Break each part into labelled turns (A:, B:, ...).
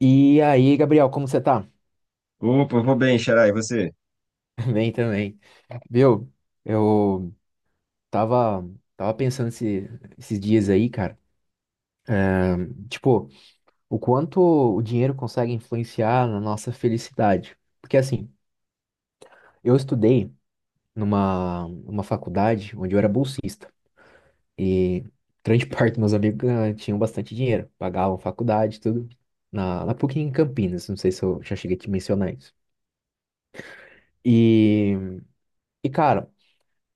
A: E aí, Gabriel, como você tá?
B: Opa, vou bem, Xará, e você?
A: Bem também. Viu? Eu tava, tava pensando esses dias aí, cara. Tipo, o quanto o dinheiro consegue influenciar na nossa felicidade. Porque assim, eu estudei numa faculdade onde eu era bolsista. E grande parte dos meus amigos tinham bastante dinheiro. Pagavam faculdade, e tudo. Na PUC em Campinas. Não sei se eu já cheguei a te mencionar isso. E, e cara.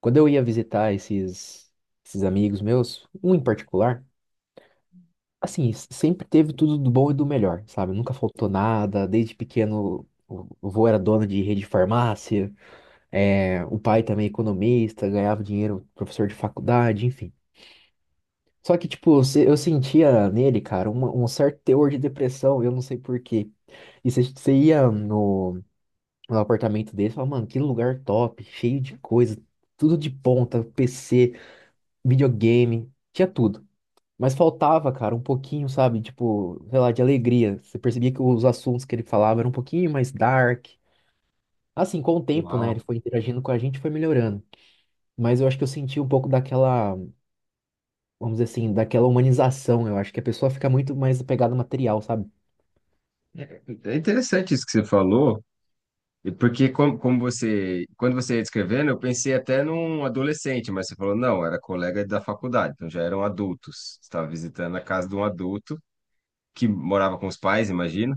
A: Quando eu ia visitar esses amigos meus, um em particular, assim, sempre teve tudo do bom e do melhor, sabe? Nunca faltou nada, desde pequeno o avô era dono de rede de farmácia, é, o pai também economista, ganhava dinheiro, professor de faculdade, enfim. Só que, tipo, eu sentia nele, cara, um certo teor de depressão, eu não sei por quê. E você ia no apartamento dele e falava, mano, que lugar top, cheio de coisa, tudo de ponta, PC. Videogame, tinha tudo. Mas faltava, cara, um pouquinho, sabe? Tipo, sei lá, de alegria. Você percebia que os assuntos que ele falava eram um pouquinho mais dark. Assim, com o tempo, né?
B: Uau.
A: Ele foi interagindo com a gente, e foi melhorando. Mas eu acho que eu senti um pouco daquela, vamos dizer assim, daquela humanização. Eu acho que a pessoa fica muito mais apegada ao material, sabe?
B: É é interessante isso que você falou, e porque como você, quando você ia descrevendo, eu pensei até num adolescente, mas você falou, não, era colega da faculdade, então já eram adultos. Você estava visitando a casa de um adulto que morava com os pais, imagino.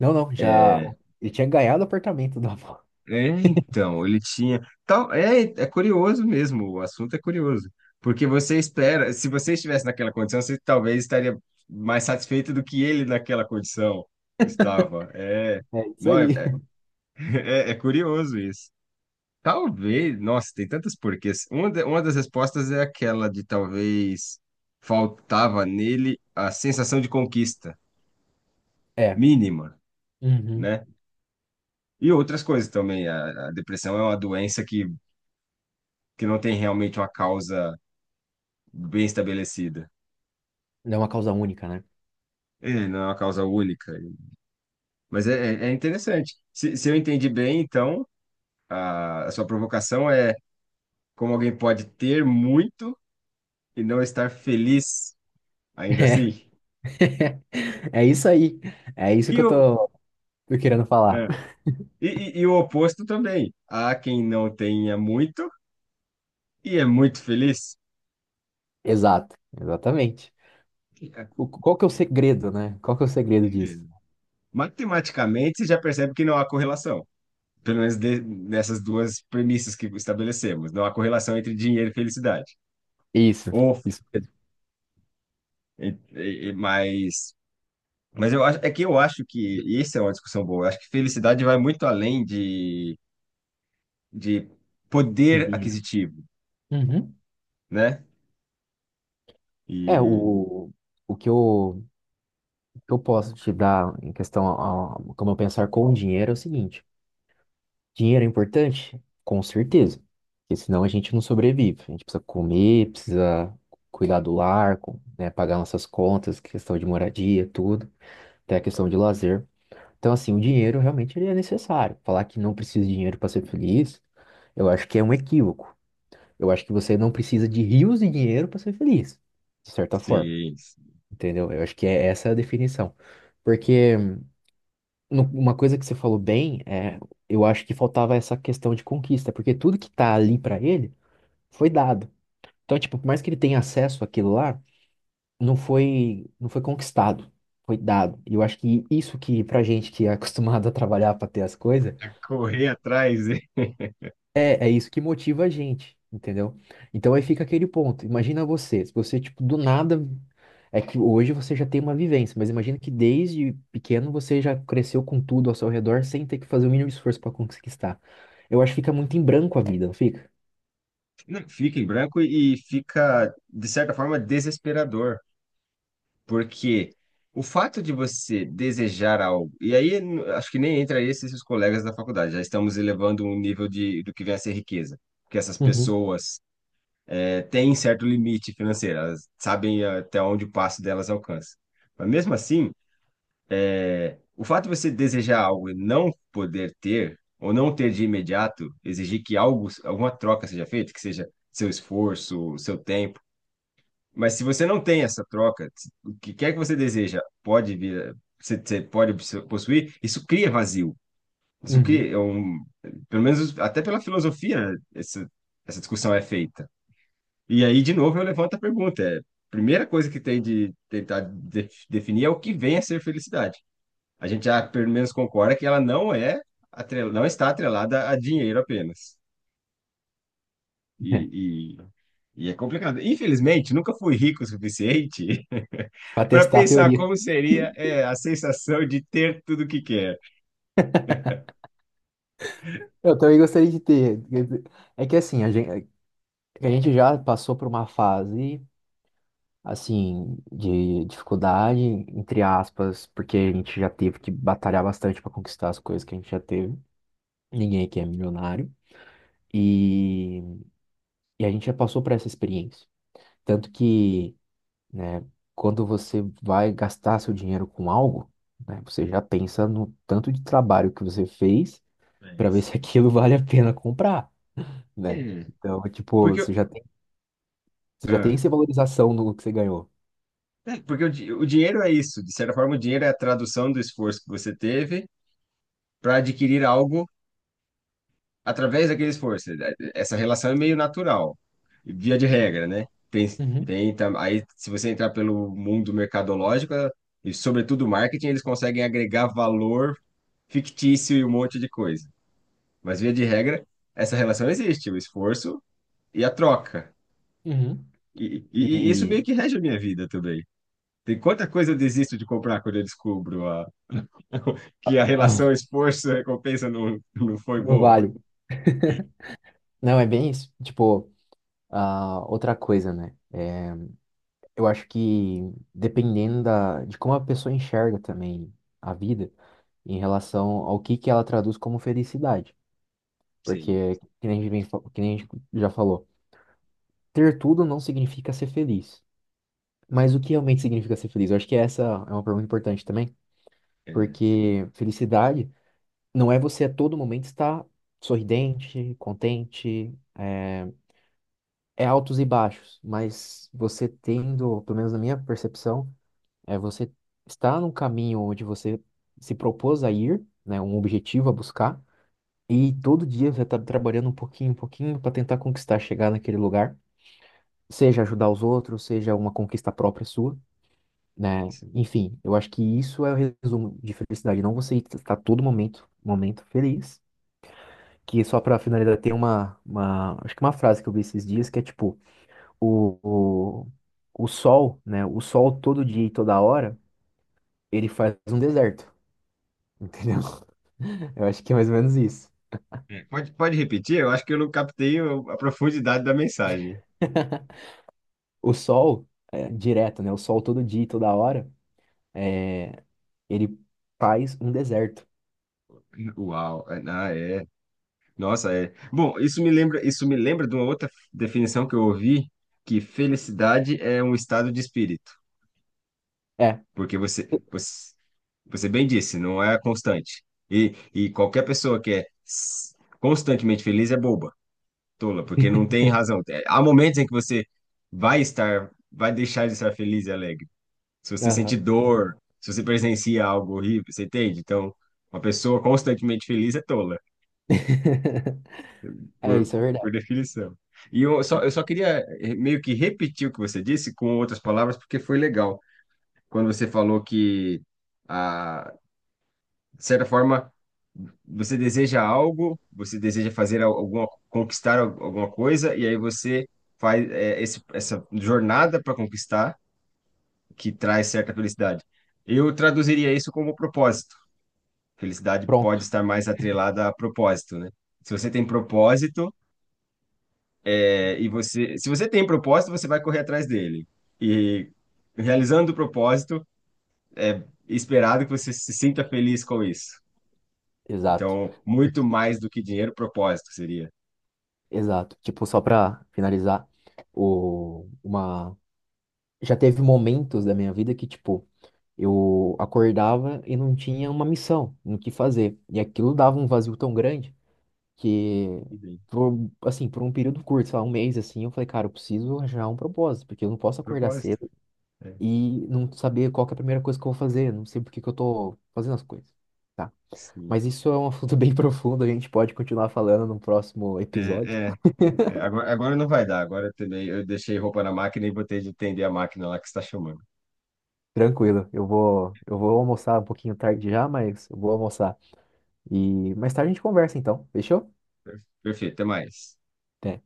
A: Não, não, já.
B: É,
A: Ele tinha ganhado o apartamento da avó.
B: é, então, ele tinha. Tal, é curioso mesmo, o assunto é curioso. Porque você espera, se você estivesse naquela condição, você talvez estaria mais satisfeito do que ele naquela condição estava. É,
A: É isso
B: não, é, é,
A: aí.
B: é curioso isso. Talvez, nossa, tem tantas porquês. Uma, uma das respostas é aquela de talvez faltava nele a sensação de conquista
A: É.
B: mínima,
A: Uhum.
B: né? E outras coisas também. A depressão é uma doença que não tem realmente uma causa bem estabelecida.
A: Não é uma causa única, né?
B: É, não é uma causa única. Mas é interessante. Se eu entendi bem, então, a sua provocação é como alguém pode ter muito e não estar feliz ainda assim.
A: É, é isso aí. É isso
B: E
A: que eu
B: o,
A: tô querendo falar.
B: é. E o oposto também. Há quem não tenha muito e é muito feliz.
A: Exato. Exatamente.
B: É.
A: Qual que é o segredo, né? Qual que é o segredo disso?
B: Matematicamente, você já percebe que não há correlação. Pelo menos nessas duas premissas que estabelecemos. Não há correlação entre dinheiro e felicidade.
A: Isso,
B: Ou,
A: isso mesmo.
B: e- mas eu acho, é que eu acho que, e isso é uma discussão boa, eu acho que felicidade vai muito além de poder
A: Dinheiro.
B: aquisitivo,
A: Uhum.
B: né?
A: É,
B: E
A: o que o que eu posso te dar em questão a, como eu pensar com o dinheiro é o seguinte: dinheiro é importante? Com certeza. Porque senão a gente não sobrevive. A gente precisa comer, precisa cuidar do lar, né, pagar nossas contas, questão de moradia, tudo, até a questão de lazer. Então, assim, o dinheiro realmente ele é necessário. Falar que não precisa de dinheiro para ser feliz, eu acho que é um equívoco. Eu acho que você não precisa de rios de dinheiro para ser feliz, de certa forma,
B: sim se
A: entendeu? Eu acho que é essa a definição. Porque uma coisa que você falou bem é, eu acho que faltava essa questão de conquista, porque tudo que tá ali para ele foi dado. Então, tipo, por mais que ele tenha acesso àquilo lá, não foi conquistado, foi dado. E eu acho que isso que pra gente que é acostumado a trabalhar para ter as coisas,
B: correr atrás.
A: é, é isso que motiva a gente, entendeu? Então aí fica aquele ponto. Imagina você, se você, tipo, do nada. É que hoje você já tem uma vivência, mas imagina que desde pequeno você já cresceu com tudo ao seu redor sem ter que fazer o mínimo esforço para conquistar. Eu acho que fica muito em branco a vida, não fica?
B: Não, fica em branco e fica, de certa forma, desesperador, porque o fato de você desejar algo, e aí acho que nem entra esses seus colegas da faculdade, já estamos elevando um nível de, do que vem a ser riqueza, porque essas
A: Uhum,
B: pessoas é, têm certo limite financeiro, elas sabem até onde o passo delas alcança. Mas mesmo assim, o fato de você desejar algo e não poder ter, ou não ter de imediato, exigir que algo, alguma troca seja feita, que seja seu esforço, seu tempo. Mas se você não tem essa troca, o que quer que você deseja pode vir, você pode possuir, isso cria vazio. Isso
A: uhum.
B: cria, é um, pelo menos até pela filosofia, né, essa discussão é feita. E aí, de novo, eu levanto a pergunta. É, a primeira coisa que tem de tentar definir é o que vem a ser felicidade. A gente já, pelo menos, concorda que ela não é não está atrelada a dinheiro apenas.
A: É,
B: E, e é complicado. Infelizmente, nunca fui rico o suficiente
A: para
B: para
A: testar a
B: pensar
A: teoria.
B: como seria, é, a sensação de ter tudo que quer.
A: Eu também gostaria de ter. É que assim, a gente já passou por uma fase. Assim, de dificuldade, entre aspas, porque a gente já teve que batalhar bastante para conquistar as coisas que a gente já teve. Ninguém aqui é milionário. E, e a gente já passou por essa experiência. Tanto que, né, quando você vai gastar seu dinheiro com algo, né, você já pensa no tanto de trabalho que você fez para ver
B: Mas,
A: se aquilo vale a pena comprar, né?
B: é,
A: Então, tipo,
B: porque, eu-
A: você já
B: ah,
A: tem essa valorização no que você ganhou.
B: é, porque o dinheiro é isso. De certa forma, o dinheiro é a tradução do esforço que você teve para adquirir algo através daquele esforço. Essa relação é meio natural, via de regra, né?
A: Uhum,
B: Aí, se você entrar pelo mundo mercadológico, e sobretudo marketing, eles conseguem agregar valor fictício e um monte de coisa. Mas, via de regra, essa relação existe, o esforço e a troca.
A: uhum.
B: E, e isso
A: E
B: meio que rege a minha vida também. Tem quanta coisa eu desisto de comprar quando eu descubro que
A: ah,
B: a
A: ah,
B: relação esforço-recompensa não foi
A: não
B: boa.
A: vale Não, é bem isso. Tipo, ah, outra coisa, né? Eu acho que dependendo de como a pessoa enxerga também a vida em relação ao que ela traduz como felicidade.
B: Sim,
A: Porque, que nem a gente já falou, ter tudo não significa ser feliz. Mas o que realmente significa ser feliz? Eu acho que essa é uma pergunta importante também,
B: é,
A: porque felicidade não é você a todo momento estar sorridente, contente, é altos e baixos, mas você tendo, pelo menos na minha percepção, é você está num caminho onde você se propôs a ir, né, um objetivo a buscar, e todo dia você está trabalhando um pouquinho para tentar conquistar, chegar naquele lugar, seja ajudar os outros, seja uma conquista própria sua, né? Enfim, eu acho que isso é o resumo de felicidade, não você estar todo momento, momento feliz. Que só para finalizar, tem acho que uma frase que eu vi esses dias que é tipo, o, o, o sol, né? O sol todo dia e toda hora, ele faz um deserto, entendeu? Eu acho que é mais ou menos isso.
B: é, pode, pode repetir? Eu acho que eu não captei a profundidade da mensagem.
A: O sol, é, direto, né? O sol todo dia e toda hora, é, ele faz um deserto.
B: Uau, é. Nossa, é. Bom, isso me lembra de uma outra definição que eu ouvi, que felicidade é um estado de espírito,
A: É.
B: porque você bem disse, não é constante. E qualquer pessoa que é constantemente feliz é boba, tola, porque não tem razão. É, há momentos em que você vai estar, vai deixar de estar feliz e alegre. Se você sente
A: Aham.
B: dor, se você presencia algo horrível, você entende? Então, uma pessoa constantemente feliz é tola,
A: É
B: por,
A: isso, é verdade.
B: por definição. E eu só queria meio que repetir o que você disse com outras palavras, porque foi legal. Quando você falou que, ah, de certa forma, você deseja algo, você deseja fazer alguma, conquistar alguma coisa, e aí você faz essa jornada para conquistar, que traz certa felicidade. Eu traduziria isso como propósito. Felicidade pode
A: Pronto.
B: estar mais atrelada a propósito, né? Se você tem propósito, se você tem propósito, você vai correr atrás dele. E realizando o propósito, esperado que você se sinta feliz com isso.
A: Exato.
B: Então, muito
A: Porque-
B: mais do que dinheiro, propósito seria.
A: Exato. Tipo, só pra finalizar, o, uma... Já teve momentos da minha vida que, tipo, eu acordava e não tinha uma missão no que fazer. E aquilo dava um vazio tão grande que,
B: E bem,
A: por, assim, por um período curto, sei lá, um mês, assim, eu falei, cara, eu preciso arranjar um propósito, porque eu não posso acordar
B: propósito.
A: cedo
B: É,
A: e não saber qual que é a primeira coisa que eu vou fazer, não sei por que que eu tô fazendo as coisas. Tá?
B: sim.
A: Mas isso é um assunto bem profundo, a gente pode continuar falando no próximo
B: É,
A: episódio.
B: é, agora não vai dar. Agora também eu deixei roupa na máquina e botei de atender a máquina lá que está chamando.
A: Tranquilo, eu vou almoçar um pouquinho tarde já, mas eu vou almoçar. E mais tarde a gente conversa então, fechou?
B: Perfeito, até mais.
A: Até.